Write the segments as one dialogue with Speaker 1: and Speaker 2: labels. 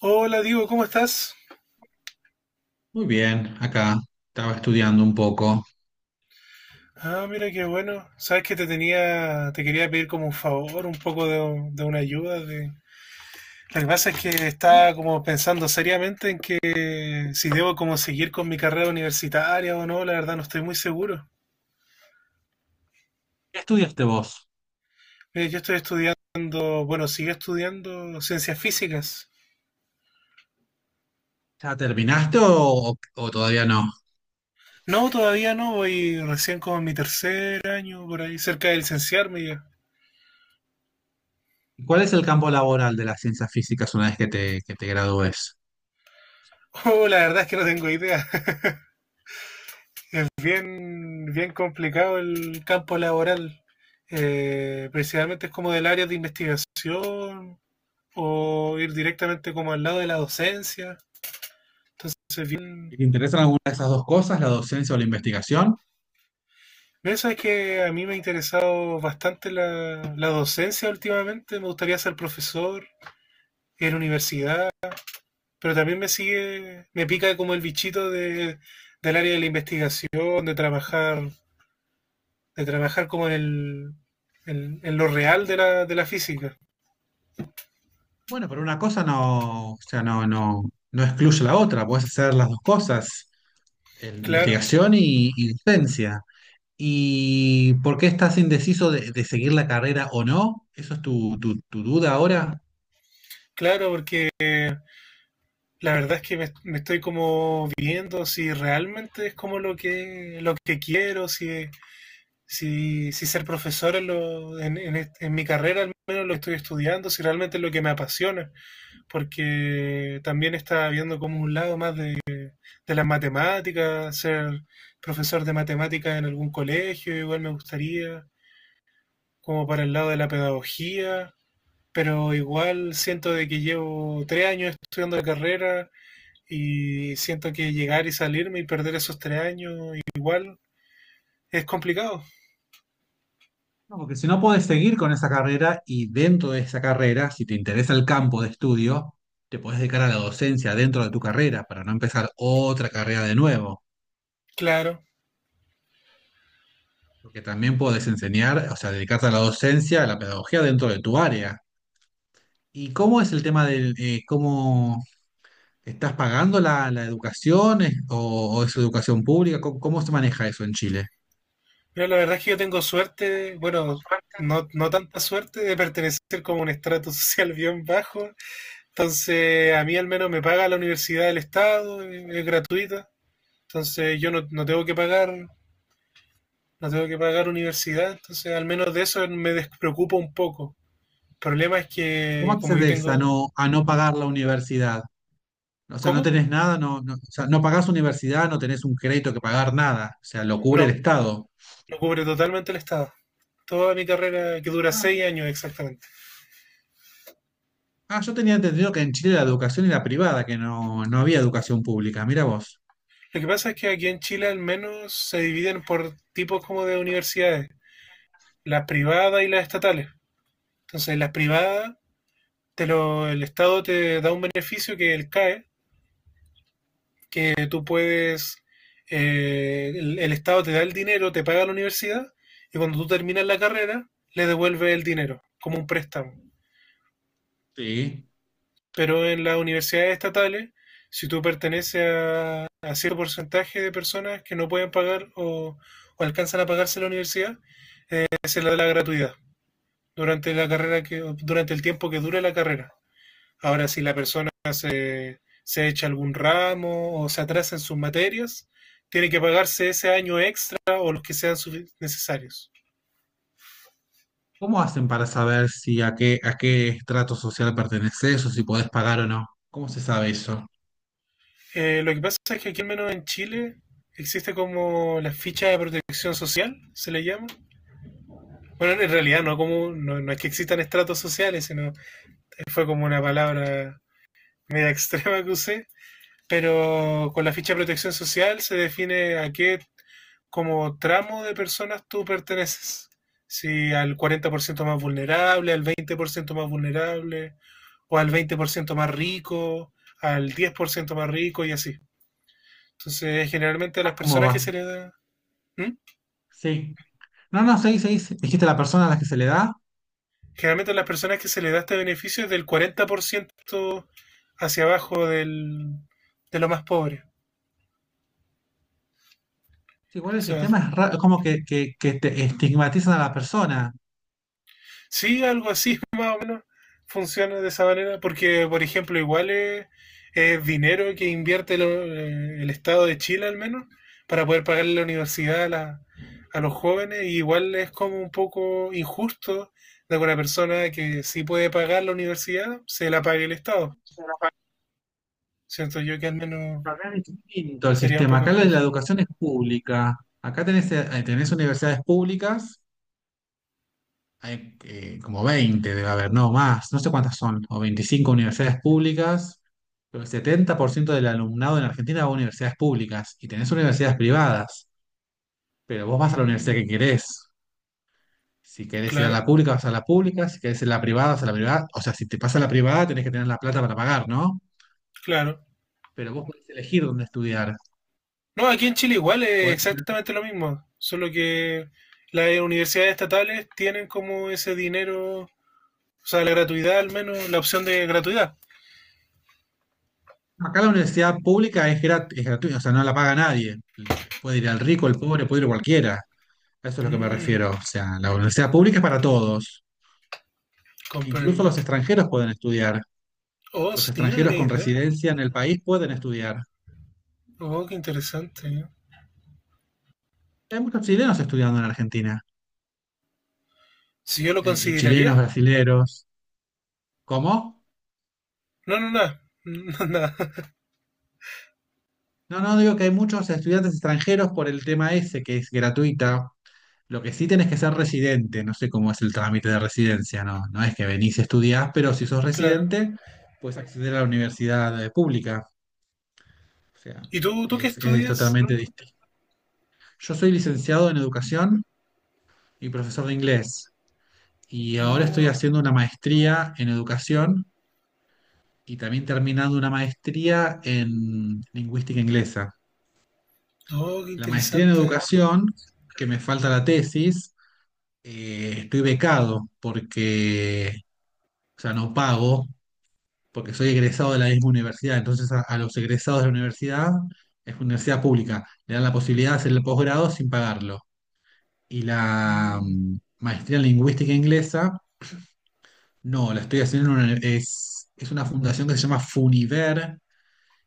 Speaker 1: Hola, Diego, ¿cómo estás?
Speaker 2: Muy bien, acá estaba estudiando un poco.
Speaker 1: Ah, mira qué bueno. Sabes que te quería pedir como un favor, un poco de una ayuda. Lo que pasa es que estaba como pensando seriamente en que si debo como seguir con mi carrera universitaria o no, la verdad no estoy muy seguro.
Speaker 2: ¿Qué estudiaste vos?
Speaker 1: Mira, yo estoy estudiando, bueno, sigo estudiando ciencias físicas.
Speaker 2: ¿Ya terminaste o todavía no?
Speaker 1: No, todavía no, voy recién como en mi tercer año, por ahí, cerca de licenciarme ya.
Speaker 2: ¿Y cuál es el campo laboral de las ciencias físicas una vez que te gradúes?
Speaker 1: Oh, la verdad es que no tengo idea. Es bien, bien complicado el campo laboral. Principalmente es como del área de investigación o ir directamente como al lado de la docencia. Entonces, bien.
Speaker 2: ¿Te interesan alguna de esas dos cosas, la docencia o la investigación?
Speaker 1: Eso es que a mí me ha interesado bastante la docencia últimamente. Me gustaría ser profesor en universidad, pero también me pica como el bichito del área de la investigación, de trabajar como en, el, en lo real de la física.
Speaker 2: Bueno, pero una cosa no, o sea, no excluye la otra, puedes hacer las dos cosas.
Speaker 1: Claro,
Speaker 2: Investigación y docencia. ¿Y por qué estás indeciso de seguir la carrera o no? ¿Eso es tu, tu duda ahora?
Speaker 1: claro, porque la verdad es que me estoy como viendo si realmente es como lo que quiero, si ser profesor en, lo- en est- en mi carrera al menos lo que estoy estudiando, si realmente es lo que me apasiona, porque también está viendo como un lado más de las matemáticas, ser profesor de matemáticas en algún colegio, igual me gustaría, como para el lado de la pedagogía, pero igual siento de que llevo 3 años estudiando la carrera. Y siento que llegar y salirme y perder esos 3 años igual es complicado.
Speaker 2: No, porque si no podés seguir con esa carrera y dentro de esa carrera, si te interesa el campo de estudio, te podés dedicar a la docencia dentro de tu carrera para no empezar otra carrera de nuevo.
Speaker 1: Claro.
Speaker 2: Porque también podés enseñar, o sea, dedicarte a la docencia, a la pedagogía dentro de tu área. ¿Y cómo es el tema del, cómo ¿estás pagando la, la educación o es educación pública? ¿Cómo, cómo se maneja eso en Chile?
Speaker 1: Pero la verdad es que yo tengo suerte, bueno, no, no tanta suerte de pertenecer como a un estrato social bien bajo. Entonces, a mí al menos me paga la universidad del Estado, es gratuita. Entonces, yo no, no tengo que pagar, no tengo que pagar universidad. Entonces, al menos de eso me despreocupo un poco. El problema es
Speaker 2: ¿Cómo
Speaker 1: que, como yo
Speaker 2: accedes
Speaker 1: tengo.
Speaker 2: a no pagar la universidad? O sea, no
Speaker 1: ¿Cómo?
Speaker 2: tenés nada, o sea, no pagás universidad, no tenés un crédito que pagar nada. O sea, lo cubre el
Speaker 1: No,
Speaker 2: Estado.
Speaker 1: lo cubre totalmente el Estado. Toda mi carrera, que dura
Speaker 2: Ah,
Speaker 1: 6 años exactamente.
Speaker 2: ah, yo tenía entendido que en Chile la educación era privada, que no, no había educación pública. Mira vos.
Speaker 1: Lo que pasa es que aquí en Chile al menos se dividen por tipos como de universidades, las privadas y las estatales. Entonces, las privadas, el Estado te da un beneficio que es el CAE, que tú puedes, el Estado te da el dinero, te paga la universidad, y cuando tú terminas la carrera, le devuelve el dinero como un préstamo.
Speaker 2: Sí.
Speaker 1: Pero en las universidades estatales, si tú perteneces a cierto porcentaje de personas que no pueden pagar o alcanzan a pagarse la universidad, se le da la gratuidad durante la carrera que, durante el tiempo que dure la carrera. Ahora, si la persona se echa algún ramo o se atrasa en sus materias, tiene que pagarse ese año extra o los que sean necesarios.
Speaker 2: ¿Cómo hacen para saber si a qué, a qué estrato social perteneces o si podés pagar o no? ¿Cómo se sabe eso?
Speaker 1: Lo que pasa es que aquí al menos en Chile existe como la ficha de protección social, se le llama. Bueno, en realidad no, como, no es que existan estratos sociales, sino fue como una palabra media extrema que usé, pero con la ficha de protección social se define a qué como tramo de personas tú perteneces. Si al 40% más vulnerable, al 20% más vulnerable, o al 20% más rico, al 10% más rico y así. Entonces, generalmente a las
Speaker 2: Ah, ¿cómo
Speaker 1: personas que
Speaker 2: vas?
Speaker 1: se les da. ¿Mm?
Speaker 2: Sí. No, no, seis, seis. Dijiste la persona a la que se le da.
Speaker 1: Generalmente las personas que se les da este beneficio es del 40% hacia abajo del, de lo más pobre.
Speaker 2: Sí, igual
Speaker 1: O
Speaker 2: el
Speaker 1: sea,
Speaker 2: sistema es como que, que te estigmatizan a la persona. Acá
Speaker 1: sí, algo así más o menos funciona de esa manera, porque, por ejemplo, igual es dinero que invierte lo- el Estado de Chile al menos para poder pagarle la universidad a los jóvenes, y igual es como un poco injusto de que una persona que sí puede pagar la universidad se la pague el Estado.
Speaker 2: es
Speaker 1: Siento yo que al menos
Speaker 2: una carrera distinto el
Speaker 1: sería un
Speaker 2: sistema.
Speaker 1: poco
Speaker 2: Acá la, la
Speaker 1: injusto.
Speaker 2: educación es pública. Acá tenés, tenés universidades públicas, hay, como 20 debe haber, no más, no sé cuántas son, o 25 universidades públicas, pero el 70% del alumnado en Argentina va a universidades públicas y tenés universidades privadas, pero vos vas a la universidad
Speaker 1: Mm,
Speaker 2: que querés. Si querés ir a la
Speaker 1: claro,
Speaker 2: pública, vas a la pública. Si querés ir a la privada, vas a la privada. O sea, si te pasa a la privada, tenés que tener la plata para pagar, ¿no?
Speaker 1: claro.
Speaker 2: Pero vos podés elegir dónde estudiar.
Speaker 1: No, aquí en Chile igual es
Speaker 2: Podés-
Speaker 1: exactamente lo mismo, solo que las universidades estatales tienen como ese dinero, o sea, la gratuidad al menos, la opción de gratuidad.
Speaker 2: Acá la universidad pública es es gratuita, o sea, no la paga nadie. Puede ir al rico, el pobre, puede ir cualquiera. A eso es lo que me
Speaker 1: Mm,
Speaker 2: refiero. O sea, la universidad pública es para todos. Incluso
Speaker 1: comprendo.
Speaker 2: los extranjeros pueden estudiar.
Speaker 1: Oh,
Speaker 2: Los
Speaker 1: sí, no
Speaker 2: extranjeros
Speaker 1: tenía
Speaker 2: con
Speaker 1: idea.
Speaker 2: residencia en el país pueden estudiar.
Speaker 1: Oh, qué interesante.
Speaker 2: Hay muchos chilenos estudiando en Argentina.
Speaker 1: Si yo lo
Speaker 2: Chilenos,
Speaker 1: consideraría.
Speaker 2: brasileros. ¿Cómo?
Speaker 1: No, no, nada. No, nada.
Speaker 2: No, no, digo que hay muchos estudiantes extranjeros por el tema ese, que es gratuita. Lo que sí tenés que ser residente, no sé cómo es el trámite de residencia, no, no es que venís y estudiás, pero si sos
Speaker 1: Claro.
Speaker 2: residente, puedes acceder a la universidad pública. O sea,
Speaker 1: ¿Y tú qué
Speaker 2: es
Speaker 1: estudias?
Speaker 2: totalmente distinto. Yo soy licenciado en educación y profesor de inglés, y ahora estoy
Speaker 1: No.
Speaker 2: haciendo una maestría en educación y también terminando una maestría en lingüística inglesa.
Speaker 1: Oh, qué
Speaker 2: La maestría en
Speaker 1: interesante.
Speaker 2: educación, que me falta la tesis, estoy becado porque, o sea, no pago, porque soy egresado de la misma universidad. Entonces, a los egresados de la universidad, es una universidad pública, le dan la posibilidad de hacer el posgrado sin pagarlo. Y la
Speaker 1: Mm,
Speaker 2: maestría en lingüística inglesa, no, la estoy haciendo en una, es una fundación que se llama Funiver.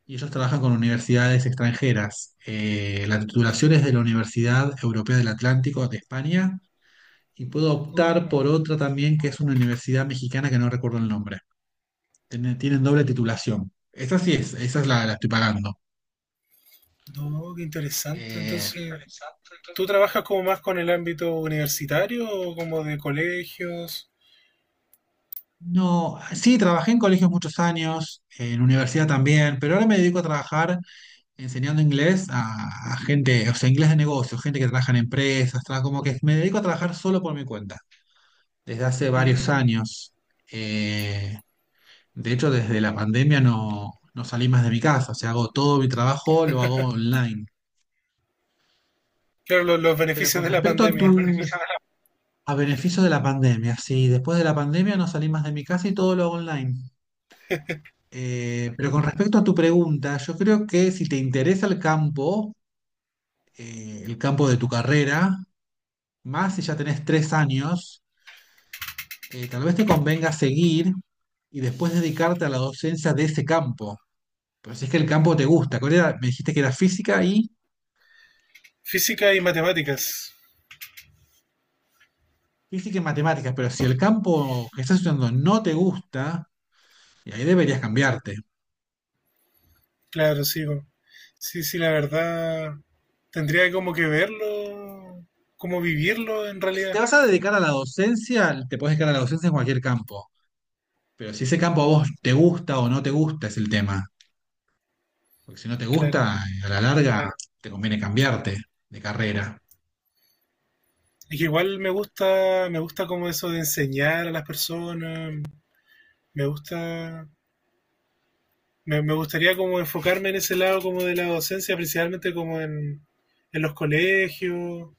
Speaker 2: Y ellos trabajan con universidades extranjeras. La titulación es de la Universidad Europea del Atlántico de España y puedo optar
Speaker 1: oh,
Speaker 2: por otra también que es una universidad mexicana que no recuerdo el nombre. Tienen doble titulación. Esa es la, la estoy pagando.
Speaker 1: no, qué interesante.
Speaker 2: Eh,
Speaker 1: Entonces, ¿tú trabajas como más con el ámbito universitario o como de colegios?
Speaker 2: no, sí, trabajé en colegios muchos años, en universidad también, pero ahora me dedico a trabajar enseñando inglés a gente, o sea, inglés de negocios, gente que trabaja en empresas, como que me dedico a trabajar solo por mi cuenta, desde hace varios
Speaker 1: Mm,
Speaker 2: años. Eh, de hecho, desde la pandemia no, no salí más de mi casa, o sea, hago todo mi trabajo, lo hago online.
Speaker 1: claro, los
Speaker 2: Pero
Speaker 1: beneficios
Speaker 2: con
Speaker 1: de la
Speaker 2: respecto a tu,
Speaker 1: pandemia.
Speaker 2: a beneficio de la pandemia, sí, después de la pandemia no salí más de mi casa y todo lo hago online. Pero con respecto a tu pregunta, yo creo que si te interesa el campo de tu carrera, más si ya tenés 3 años, tal vez te convenga seguir y después dedicarte a la docencia de ese campo. Pero si es que el campo te gusta, ¿cuál era? Me dijiste que era física y
Speaker 1: Física y matemáticas.
Speaker 2: física y matemáticas, pero si el campo que estás estudiando no te gusta, y ahí deberías cambiarte.
Speaker 1: Claro, sigo. Sí, sí, la verdad. Tendría como que verlo, como vivirlo en
Speaker 2: Porque si te
Speaker 1: realidad.
Speaker 2: vas a dedicar a la docencia, te puedes dedicar a la docencia en cualquier campo. Pero si ese campo a vos te gusta o no te gusta es el tema. Porque si no te
Speaker 1: Claro.
Speaker 2: gusta, a la larga te conviene cambiarte de carrera.
Speaker 1: Es que igual me gusta como eso de enseñar a las personas. Me gusta, me gustaría como enfocarme en ese lado como de la docencia, principalmente como en los colegios,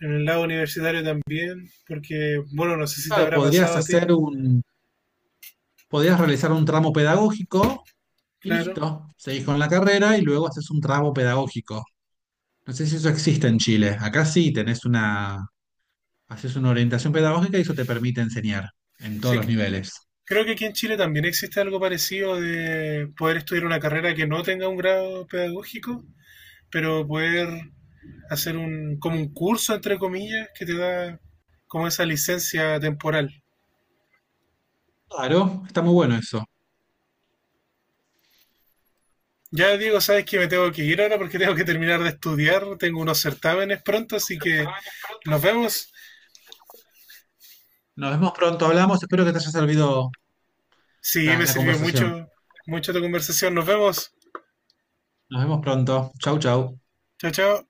Speaker 1: en el lado universitario también, porque, bueno, no sé si te
Speaker 2: Claro,
Speaker 1: habrá
Speaker 2: podrías
Speaker 1: pasado a ti,
Speaker 2: hacer un, podrías realizar un tramo pedagógico y
Speaker 1: claro.
Speaker 2: listo. Seguís con la carrera y luego haces un tramo pedagógico. No sé si eso existe en Chile. Acá sí tenés una, haces una orientación pedagógica y eso te permite enseñar en todos
Speaker 1: Sí,
Speaker 2: los niveles.
Speaker 1: creo que aquí en Chile también existe algo parecido de poder estudiar una carrera que no tenga un grado pedagógico, pero poder hacer un, como un curso, entre comillas, que te da como esa licencia temporal.
Speaker 2: Claro, está muy bueno eso.
Speaker 1: Ya, Diego, sabes que me tengo que ir ahora porque tengo que terminar de estudiar, tengo unos certámenes pronto, así que nos vemos.
Speaker 2: Nos vemos pronto, hablamos. Espero que te haya servido
Speaker 1: Sí,
Speaker 2: la,
Speaker 1: me
Speaker 2: la
Speaker 1: sirvió
Speaker 2: conversación.
Speaker 1: mucho, mucho tu conversación, nos vemos.
Speaker 2: Nos vemos pronto. Chau, chau.
Speaker 1: Chao, chao.